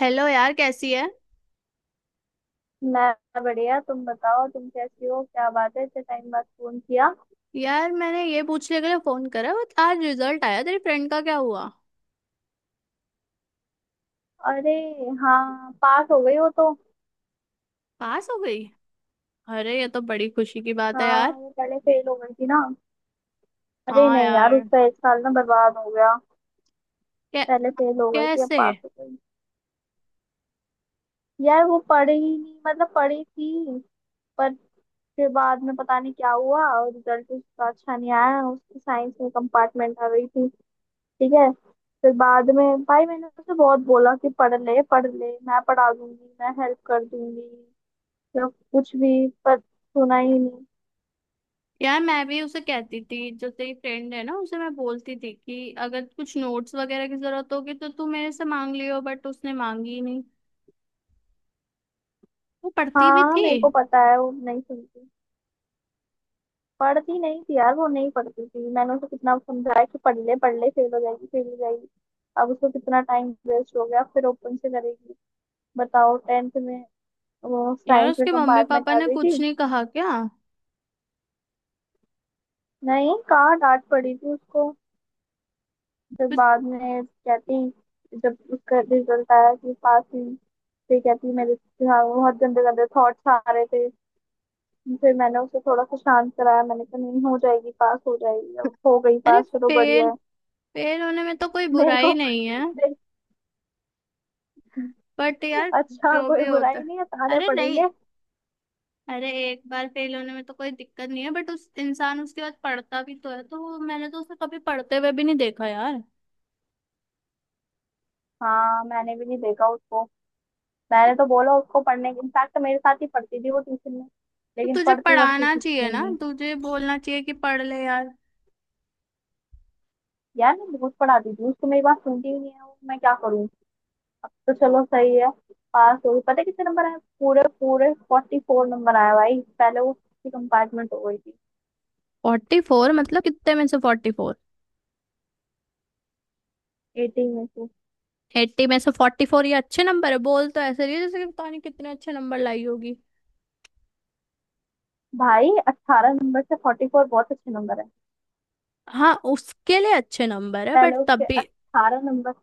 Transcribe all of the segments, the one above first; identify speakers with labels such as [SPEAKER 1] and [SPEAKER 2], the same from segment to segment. [SPEAKER 1] Hello यार, कैसी है।
[SPEAKER 2] मैं बढ़िया। तुम बताओ, तुम कैसी हो? क्या बात है इतने टाइम बाद फोन किया?
[SPEAKER 1] यार मैंने ये पूछने के लिए फोन करा बट आज रिजल्ट आया, तेरी फ्रेंड का क्या हुआ।
[SPEAKER 2] अरे, हाँ, पास हो गई हो तो?
[SPEAKER 1] पास हो गई। अरे ये तो बड़ी खुशी की बात है
[SPEAKER 2] हाँ,
[SPEAKER 1] यार।
[SPEAKER 2] वो पहले फेल हो गई थी ना। अरे
[SPEAKER 1] हाँ
[SPEAKER 2] नहीं यार,
[SPEAKER 1] यार।
[SPEAKER 2] उसका एक साल ना बर्बाद हो गया।
[SPEAKER 1] कै,
[SPEAKER 2] पहले फेल हो गई थी, अब
[SPEAKER 1] कैसे।
[SPEAKER 2] पास हो गई। यार वो पढ़ी ही नहीं, मतलब पढ़ी थी पर फिर बाद में पता नहीं क्या हुआ और रिजल्ट उसका अच्छा नहीं आया, उसकी साइंस में कंपार्टमेंट आ गई थी। ठीक है। फिर बाद में भाई मैंने उसे बहुत बोला कि पढ़ ले पढ़ ले, मैं पढ़ा दूंगी, मैं हेल्प कर दूंगी या कुछ भी, पर सुना ही नहीं।
[SPEAKER 1] यार मैं भी उसे कहती थी, जो तेरी फ्रेंड है ना उसे मैं बोलती थी कि अगर कुछ नोट्स वगैरह की जरूरत होगी तो तू मेरे से मांग लियो, बट उसने मांगी ही नहीं। वो पढ़ती भी
[SPEAKER 2] हाँ,
[SPEAKER 1] थी।
[SPEAKER 2] मेरे को पता है वो नहीं सुनती। पढ़ती नहीं थी यार, वो नहीं पढ़ती थी। मैंने उसे कितना समझाया कि पढ़ ले पढ़ ले, फेल हो जाएगी फेल हो जाएगी। अब उसको कितना टाइम वेस्ट हो गया, फिर ओपन से करेगी। बताओ, 10th में वो
[SPEAKER 1] यार
[SPEAKER 2] साइंस में
[SPEAKER 1] उसके मम्मी
[SPEAKER 2] कंपार्टमेंट
[SPEAKER 1] पापा
[SPEAKER 2] आ
[SPEAKER 1] ने
[SPEAKER 2] गई थी।
[SPEAKER 1] कुछ नहीं कहा क्या।
[SPEAKER 2] नहीं, कहाँ, डांट पड़ी थी उसको। फिर बाद में कहती, जब उसका रिजल्ट आया कि पास हुई, फिर कहती मेरे दिमाग में बहुत गंदे गंदे थॉट्स आ रहे थे। फिर मैंने उसे थोड़ा सा शांत कराया, मैंने कहा नहीं, हो जाएगी, पास हो जाएगी। अब हो गई
[SPEAKER 1] अरे
[SPEAKER 2] पास, चलो बढ़िया
[SPEAKER 1] फेल,
[SPEAKER 2] है।
[SPEAKER 1] फेल होने में तो कोई
[SPEAKER 2] मेरे को
[SPEAKER 1] बुराई नहीं है।
[SPEAKER 2] देख।
[SPEAKER 1] बट यार
[SPEAKER 2] अच्छा,
[SPEAKER 1] जो
[SPEAKER 2] कोई
[SPEAKER 1] भी होता
[SPEAKER 2] बुराई
[SPEAKER 1] है।
[SPEAKER 2] नहीं है, ताने
[SPEAKER 1] अरे नहीं।
[SPEAKER 2] पड़ेंगे।
[SPEAKER 1] अरे एक बार फेल होने में तो कोई दिक्कत नहीं है, बट उस इंसान उसके बाद पढ़ता भी तो है तो मैंने तो उसे कभी पढ़ते हुए भी नहीं देखा यार।
[SPEAKER 2] हाँ मैंने भी नहीं देखा उसको। मैंने तो बोला उसको पढ़ने के, इनफैक्ट मेरे साथ ही पढ़ती थी वो ट्यूशन में।
[SPEAKER 1] तो
[SPEAKER 2] लेकिन
[SPEAKER 1] तुझे
[SPEAKER 2] पढ़ती वढ़ती
[SPEAKER 1] पढ़ाना
[SPEAKER 2] कुछ थी
[SPEAKER 1] चाहिए
[SPEAKER 2] ही
[SPEAKER 1] ना,
[SPEAKER 2] नहीं।
[SPEAKER 1] तुझे बोलना चाहिए कि पढ़ ले यार।
[SPEAKER 2] यार मैं बहुत पढ़ाती थी उसको, मेरी बात सुनती ही नहीं है वो, मैं क्या करूँ? तो चलो सही है, पास हो गई। पता है कितने नंबर आए? पूरे पूरे 44 नंबर आया भाई, पहले वो किसी कंपार्टमेंट हो गई थी।
[SPEAKER 1] फोर्टी फोर मतलब कितने में से 44।
[SPEAKER 2] 18 में से।
[SPEAKER 1] 80 में से 44, ये अच्छे नंबर है। बोल तो ऐसे रही है जैसे कि पता नहीं कितने अच्छे नंबर लाई होगी।
[SPEAKER 2] भाई 18 नंबर से 44, बहुत अच्छे नंबर है।
[SPEAKER 1] हाँ उसके लिए अच्छे नंबर है,
[SPEAKER 2] पहले
[SPEAKER 1] बट
[SPEAKER 2] उसके
[SPEAKER 1] तब भी।
[SPEAKER 2] 18 नंबर।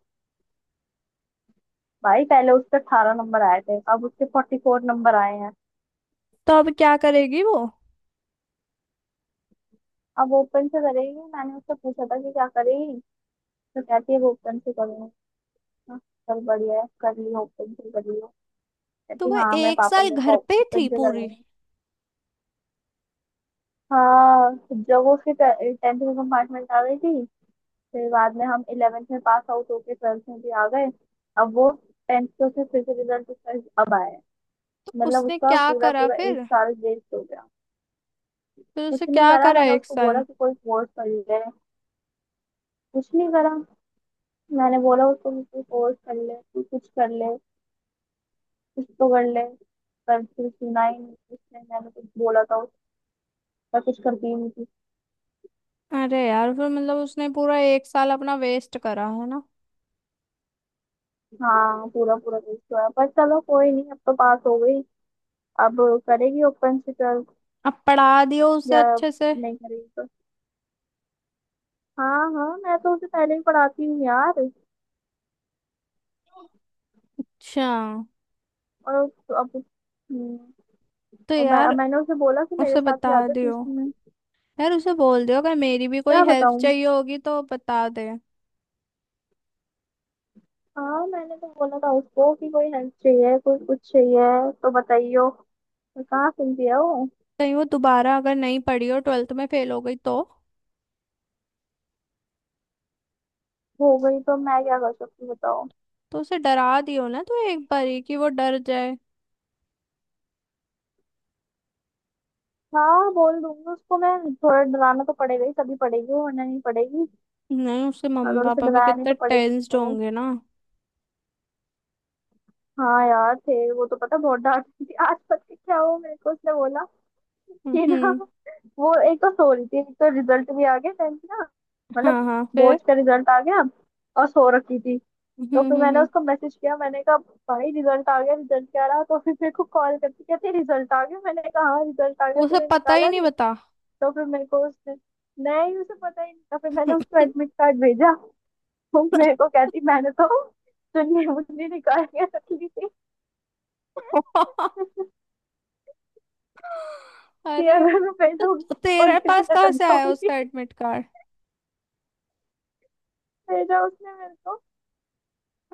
[SPEAKER 2] भाई पहले उसके 18 नंबर आए थे, अब उसके 44 नंबर आए हैं।
[SPEAKER 1] तो अब क्या करेगी वो।
[SPEAKER 2] अब ओपन से करेगी, मैंने उससे पूछा था कि क्या करेगी, तो कहती है वो ओपन से करूंगी। हाँ, चल बढ़िया है, कर लियो, ओपन से कर लियो।
[SPEAKER 1] तो
[SPEAKER 2] कहती
[SPEAKER 1] वो
[SPEAKER 2] हाँ, मैं
[SPEAKER 1] एक
[SPEAKER 2] पापा
[SPEAKER 1] साल
[SPEAKER 2] मेरे
[SPEAKER 1] घर
[SPEAKER 2] को
[SPEAKER 1] पे ही
[SPEAKER 2] ओपन
[SPEAKER 1] थी
[SPEAKER 2] से
[SPEAKER 1] पूरी।
[SPEAKER 2] कराएंगे। हाँ जब वो उसके 10th में कंपार्टमेंट आ गई थी, फिर बाद में हम 11th में पास आउट होके 12th में भी आ गए, अब वो टेंथ के उसके फिर से रिजल्ट अब आए।
[SPEAKER 1] तो
[SPEAKER 2] मतलब
[SPEAKER 1] उसने
[SPEAKER 2] उसका
[SPEAKER 1] क्या
[SPEAKER 2] पूरा
[SPEAKER 1] करा
[SPEAKER 2] पूरा एक
[SPEAKER 1] फिर।
[SPEAKER 2] साल वेस्ट हो गया।
[SPEAKER 1] फिर
[SPEAKER 2] कुछ
[SPEAKER 1] उसे
[SPEAKER 2] नहीं
[SPEAKER 1] क्या
[SPEAKER 2] करा,
[SPEAKER 1] करा
[SPEAKER 2] मैंने
[SPEAKER 1] एक
[SPEAKER 2] उसको बोला
[SPEAKER 1] साल।
[SPEAKER 2] कि कोई कोर्स कर ले। कुछ नहीं करा। मैंने बोला उसको कि कोई कोर्स कर ले, तू कुछ कर ले, कुछ तो कर ले। पर फिर सुना ही नहीं उसने, मैंने कुछ बोला था, उसका कुछ करती ही नहीं थी।
[SPEAKER 1] अरे यार, फिर मतलब उसने पूरा एक साल अपना वेस्ट करा है ना।
[SPEAKER 2] हाँ पूरा पूरा वेस्ट हुआ, पर चलो कोई नहीं, अब तो पास हो गई। अब करेगी ओपन से कर।
[SPEAKER 1] अब पढ़ा दियो उसे
[SPEAKER 2] या
[SPEAKER 1] अच्छे से।
[SPEAKER 2] नहीं करेगी तो? हाँ हाँ, मैं तो उसे पहले ही पढ़ाती हूँ यार।
[SPEAKER 1] अच्छा।
[SPEAKER 2] और अब
[SPEAKER 1] तो
[SPEAKER 2] और मैं
[SPEAKER 1] यार
[SPEAKER 2] मैंने उसे बोला कि मेरे
[SPEAKER 1] उसे
[SPEAKER 2] साथ ही
[SPEAKER 1] बता
[SPEAKER 2] आ जा
[SPEAKER 1] दियो,
[SPEAKER 2] ट्यूशन में।
[SPEAKER 1] यार उसे बोल दियो अगर मेरी भी कोई
[SPEAKER 2] क्या
[SPEAKER 1] हेल्प
[SPEAKER 2] बताऊं?
[SPEAKER 1] चाहिए होगी तो बता दे।
[SPEAKER 2] हाँ मैंने तो बोला था उसको कि कोई हेल्प चाहिए, कोई कुछ चाहिए तो बताइयो। मैं कहाँ सुनती है वो।
[SPEAKER 1] कहीं वो दोबारा अगर नहीं पढ़ी और ट्वेल्थ में फेल हो गई तो।
[SPEAKER 2] हो गई तो मैं क्या कर सकती हूँ बताओ?
[SPEAKER 1] तो उसे डरा दियो ना, तो एक बारी कि वो डर जाए।
[SPEAKER 2] हाँ बोल दूंगी उसको, मैं थोड़ा डराना तो पड़ेगा ही, तभी पड़ेगी वो, वरना नहीं पड़ेगी।
[SPEAKER 1] नहीं, उसके मम्मी
[SPEAKER 2] अगर उसे
[SPEAKER 1] पापा भी
[SPEAKER 2] डराया नहीं
[SPEAKER 1] कितने
[SPEAKER 2] तो पड़ेगी
[SPEAKER 1] टेंस्ड
[SPEAKER 2] नहीं वो।
[SPEAKER 1] होंगे ना।
[SPEAKER 2] हाँ यार, थे वो तो पता, बहुत डांटती थी। आज पता है क्या हुआ? मेरे को उसने बोला, ये ना,
[SPEAKER 1] हम्म।
[SPEAKER 2] वो एक तो सो रही थी, एक तो रिजल्ट भी आ गया 10th का,
[SPEAKER 1] हाँ
[SPEAKER 2] मतलब
[SPEAKER 1] हाँ, फिर।
[SPEAKER 2] बोर्ड का रिजल्ट आ गया, और सो रखी थी। तो फिर मैंने
[SPEAKER 1] हम्म।
[SPEAKER 2] उसको मैसेज किया, मैंने कहा भाई रिजल्ट आ गया, रिजल्ट क्या रहा? तो फिर मेरे को कॉल करती, कहती रिजल्ट आ गया, मैंने कहा हाँ रिजल्ट आ गया,
[SPEAKER 1] उसे
[SPEAKER 2] तूने
[SPEAKER 1] पता ही
[SPEAKER 2] निकाला
[SPEAKER 1] नहीं,
[SPEAKER 2] नहीं?
[SPEAKER 1] बता।
[SPEAKER 2] तो फिर मेरे को उसने, नहीं, उसे पता ही नहीं था। फिर मैंने उसको एडमिट कार्ड भेजा। वो मेरे को कहती, मैंने तो चुन्नी मुन्नी निकाल के रख ली थी कि
[SPEAKER 1] अरे
[SPEAKER 2] अगर मैं फेल होगी
[SPEAKER 1] तो
[SPEAKER 2] तो
[SPEAKER 1] तेरे
[SPEAKER 2] पंखे से
[SPEAKER 1] पास
[SPEAKER 2] लटक
[SPEAKER 1] कहाँ से आया
[SPEAKER 2] जाऊंगी।
[SPEAKER 1] उसका एडमिट कार्ड।
[SPEAKER 2] भेजा उसने मेरे को।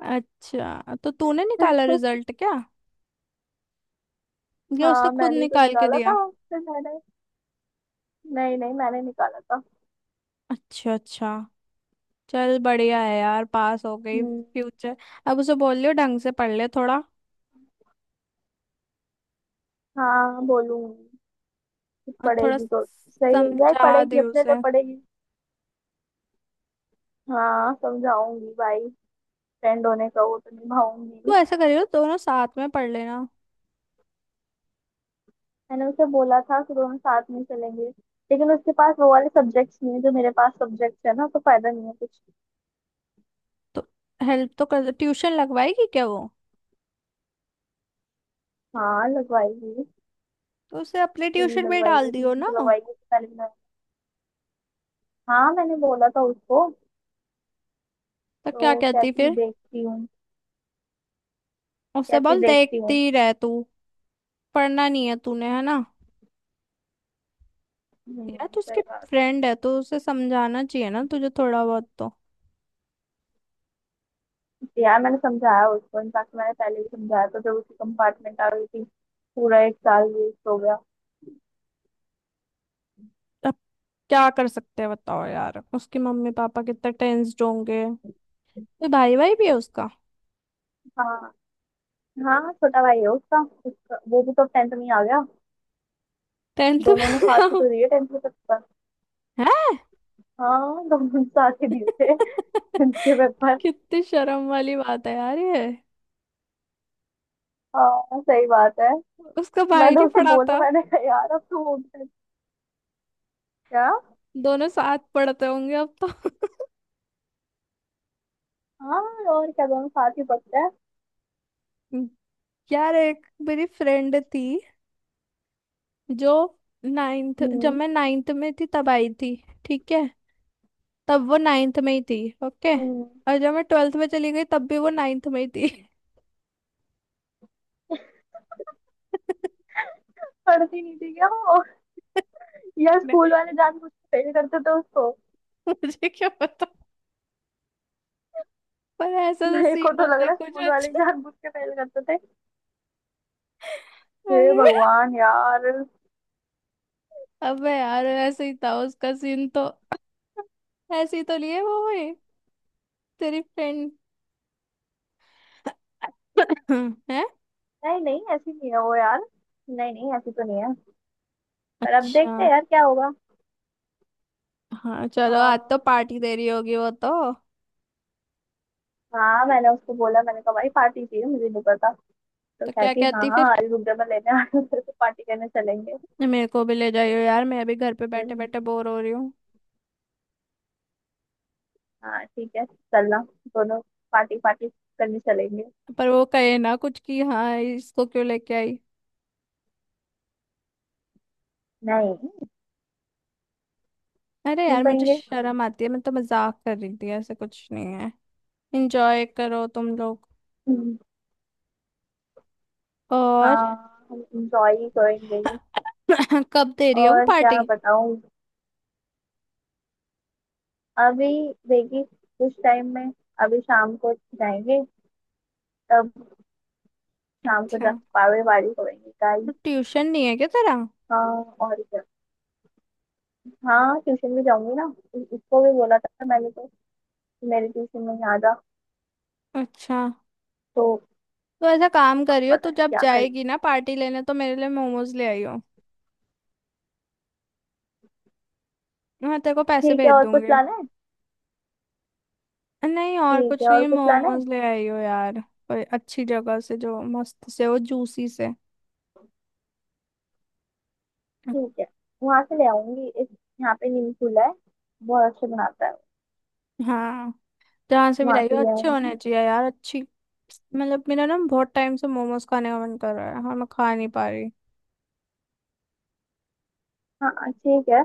[SPEAKER 1] अच्छा तो तूने निकाला रिजल्ट क्या, या उसने
[SPEAKER 2] हाँ
[SPEAKER 1] खुद
[SPEAKER 2] मैंने ही तो
[SPEAKER 1] निकाल के
[SPEAKER 2] निकाला था
[SPEAKER 1] दिया।
[SPEAKER 2] फिर मैंने, नहीं नहीं, मैंने निकाला था।
[SPEAKER 1] अच्छा अच्छा। चल बढ़िया है यार, पास हो गई।
[SPEAKER 2] हम्म।
[SPEAKER 1] फ्यूचर। अब उसे बोल लियो ढंग से पढ़ ले थोड़ा।
[SPEAKER 2] हाँ बोलूंगी।
[SPEAKER 1] और थोड़ा
[SPEAKER 2] पड़ेगी तो, सही है यार,
[SPEAKER 1] समझा
[SPEAKER 2] पड़ेगी,
[SPEAKER 1] दे
[SPEAKER 2] अपने लिए
[SPEAKER 1] उसे।
[SPEAKER 2] पड़ेगी। हाँ समझाऊंगी भाई, फ्रेंड होने का वो तो निभाऊंगी।
[SPEAKER 1] तू ऐसा करियो, दोनों साथ में पढ़ लेना।
[SPEAKER 2] मैंने उसे बोला था कि दोनों साथ में चलेंगे, लेकिन उसके पास वो वाले सब्जेक्ट्स नहीं है जो मेरे पास सब्जेक्ट्स है ना, तो फायदा नहीं है कुछ।
[SPEAKER 1] तो हेल्प तो कर, ट्यूशन लगवाएगी क्या वो।
[SPEAKER 2] हाँ लगवाएगी।
[SPEAKER 1] तो उसे अपने
[SPEAKER 2] क्यों नहीं
[SPEAKER 1] ट्यूशन में डाल
[SPEAKER 2] लगवाएगी?
[SPEAKER 1] दियो
[SPEAKER 2] ट्यूशन
[SPEAKER 1] ना।
[SPEAKER 2] तो लगवाएगी, उससे पहले भी हाँ, मैंने बोला था उसको।
[SPEAKER 1] तो क्या
[SPEAKER 2] तो
[SPEAKER 1] कहती
[SPEAKER 2] कहती
[SPEAKER 1] फिर।
[SPEAKER 2] देखती हूँ।
[SPEAKER 1] उससे
[SPEAKER 2] कहती
[SPEAKER 1] बोल
[SPEAKER 2] देखती
[SPEAKER 1] देखती
[SPEAKER 2] हूँ।
[SPEAKER 1] ही रह तू, पढ़ना नहीं है तूने, है ना। यार तू उसके
[SPEAKER 2] सही बात
[SPEAKER 1] फ्रेंड है तो उसे समझाना चाहिए ना तुझे, थोड़ा बहुत तो।
[SPEAKER 2] है। यार मैंने समझाया उसको, इनफैक्ट मैंने पहले भी समझाया, तो जब उसकी कंपार्टमेंट आ गई थी पूरा एक साल वेस्ट हो गया।
[SPEAKER 1] अब क्या कर सकते हैं बताओ। यार उसके मम्मी पापा कितने टेंस्ड होंगे। तो भाई, भाई भी है उसका।
[SPEAKER 2] हाँ। हाँ छोटा भाई है उसका, उसका वो भी तो 10th में ही आ गया।
[SPEAKER 1] टेंथ
[SPEAKER 2] दोनों ने साथ ही
[SPEAKER 1] में
[SPEAKER 2] तो दिए 10th के पेपर।
[SPEAKER 1] है।
[SPEAKER 2] हाँ दोनों ने साथ ही दिए थे 10th के पेपर।
[SPEAKER 1] कितनी शर्म वाली बात है यार ये।
[SPEAKER 2] हाँ सही बात है।
[SPEAKER 1] उसका भाई
[SPEAKER 2] मैंने
[SPEAKER 1] नहीं
[SPEAKER 2] उसे बोला,
[SPEAKER 1] पढ़ाता।
[SPEAKER 2] मैंने कहा यार अब तो वो भी, क्या।
[SPEAKER 1] दोनों साथ पढ़ते होंगे अब तो।
[SPEAKER 2] हाँ, और क्या, दोनों साथ ही पढ़ते हैं।
[SPEAKER 1] यार एक मेरी फ्रेंड थी, जो नाइन्थ, जब
[SPEAKER 2] हम्म।
[SPEAKER 1] मैं नाइन्थ में थी तब आई थी। ठीक है। तब वो नाइन्थ में ही थी। ओके।
[SPEAKER 2] हम्म।
[SPEAKER 1] और जब मैं ट्वेल्थ में चली गई, तब भी वो नाइन्थ में ही थी।
[SPEAKER 2] पढ़ती नहीं थी क्या वो? यार
[SPEAKER 1] मैं-
[SPEAKER 2] स्कूल वाले जानबूझ के फेल करते थे उसको।
[SPEAKER 1] मुझे क्या पता। पर ऐसा तो
[SPEAKER 2] मेरे को
[SPEAKER 1] सीन
[SPEAKER 2] तो लग
[SPEAKER 1] होता है
[SPEAKER 2] रहा है
[SPEAKER 1] कुछ
[SPEAKER 2] स्कूल वाले ही
[SPEAKER 1] अच्छा।
[SPEAKER 2] जानबूझ के फेल करते थे। हे
[SPEAKER 1] अरे
[SPEAKER 2] भगवान यार।
[SPEAKER 1] अबे यार, ऐसे ही था उसका सीन तो, ऐसे ही तो लिए वो हुई तेरी फ्रेंड। है
[SPEAKER 2] नहीं नहीं, ऐसी नहीं है वो यार। नहीं नहीं, ऐसी तो नहीं है। पर अब देखते हैं
[SPEAKER 1] अच्छा।
[SPEAKER 2] यार क्या होगा।
[SPEAKER 1] हाँ चलो, आज
[SPEAKER 2] हाँ।
[SPEAKER 1] तो पार्टी दे रही होगी वो तो।
[SPEAKER 2] हाँ मैंने उसको बोला, मैंने कहा भाई पार्टी चाहिए, मुझे नहीं पता। तो
[SPEAKER 1] तो क्या
[SPEAKER 2] कहती हाँ
[SPEAKER 1] कहती
[SPEAKER 2] हाँ,
[SPEAKER 1] फिर।
[SPEAKER 2] आज रुक जा, मैं लेने आ रही हूँ तेरे को, पार्टी करने चलेंगे।
[SPEAKER 1] मेरे को भी ले जाइयो यार, मैं अभी घर पे
[SPEAKER 2] फिर।
[SPEAKER 1] बैठे बैठे बोर हो रही हूँ।
[SPEAKER 2] हाँ ठीक है, चलना दोनों, पार्टी पार्टी करने चलेंगे।
[SPEAKER 1] पर वो कहे ना कुछ कि हाँ, इसको क्यों लेके आई।
[SPEAKER 2] नहीं,
[SPEAKER 1] अरे
[SPEAKER 2] क्यों
[SPEAKER 1] यार मुझे
[SPEAKER 2] कहेंगे?
[SPEAKER 1] शर्म आती है, मैं तो मजाक कर रही थी, ऐसे कुछ नहीं है। इंजॉय करो तुम लोग।
[SPEAKER 2] हम्म,
[SPEAKER 1] और
[SPEAKER 2] हाँ हम इंजॉय करेंगे।
[SPEAKER 1] कब दे रही है वो
[SPEAKER 2] और क्या
[SPEAKER 1] पार्टी।
[SPEAKER 2] बताऊं। अभी देखिए, कुछ टाइम में, अभी शाम को जाएंगे तब। शाम को जा
[SPEAKER 1] अच्छा।
[SPEAKER 2] पावे वाड़ी होएंगे
[SPEAKER 1] तो
[SPEAKER 2] गाइस।
[SPEAKER 1] ट्यूशन नहीं है क्या तेरा।
[SPEAKER 2] हाँ, और क्या। हाँ ट्यूशन भी जाऊंगी ना, इसको भी बोला था मैंने तो कि मेरे ट्यूशन में यहाँ जा।
[SPEAKER 1] अच्छा
[SPEAKER 2] तो
[SPEAKER 1] तो ऐसा काम
[SPEAKER 2] अब
[SPEAKER 1] करियो,
[SPEAKER 2] पता
[SPEAKER 1] तू
[SPEAKER 2] नहीं
[SPEAKER 1] जब
[SPEAKER 2] क्या
[SPEAKER 1] जाएगी
[SPEAKER 2] करेगी।
[SPEAKER 1] ना पार्टी लेने, तो मेरे लिए मोमोज ले आइयो। मैं तेरे को पैसे
[SPEAKER 2] ठीक है,
[SPEAKER 1] भेज
[SPEAKER 2] और कुछ
[SPEAKER 1] दूंगी।
[SPEAKER 2] लाना है?
[SPEAKER 1] नहीं और
[SPEAKER 2] ठीक है,
[SPEAKER 1] कुछ
[SPEAKER 2] और
[SPEAKER 1] नहीं,
[SPEAKER 2] कुछ लाना है?
[SPEAKER 1] मोमोज ले आई हो यार, कोई अच्छी जगह से, जो मस्त से हो, जूसी से।
[SPEAKER 2] ठीक है, वहां से ले आऊंगी इस यहाँ पे नीम चूल्हा है, बहुत अच्छा बनाता है।
[SPEAKER 1] हाँ जहाँ से भी
[SPEAKER 2] वहां
[SPEAKER 1] लाई
[SPEAKER 2] से
[SPEAKER 1] हो
[SPEAKER 2] ले
[SPEAKER 1] अच्छे होने
[SPEAKER 2] आऊंगी।
[SPEAKER 1] चाहिए यार, अच्छी। मतलब मेरा ना बहुत टाइम से मोमोज खाने का मन कर रहा है, हाँ मैं खा नहीं पा रही।
[SPEAKER 2] हाँ ठीक है।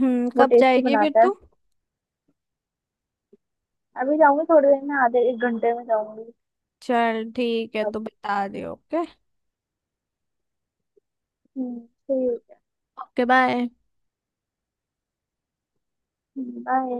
[SPEAKER 2] वो
[SPEAKER 1] कब
[SPEAKER 2] टेस्टी
[SPEAKER 1] जाएगी फिर
[SPEAKER 2] बनाता है।
[SPEAKER 1] तू।
[SPEAKER 2] अभी जाऊंगी, थोड़ी देर में, आधे एक घंटे में जाऊंगी
[SPEAKER 1] चल ठीक है,
[SPEAKER 2] तब।
[SPEAKER 1] तू बता दे। ओके।
[SPEAKER 2] हम्म, ठीक
[SPEAKER 1] ओके बाय।
[SPEAKER 2] है। बाय।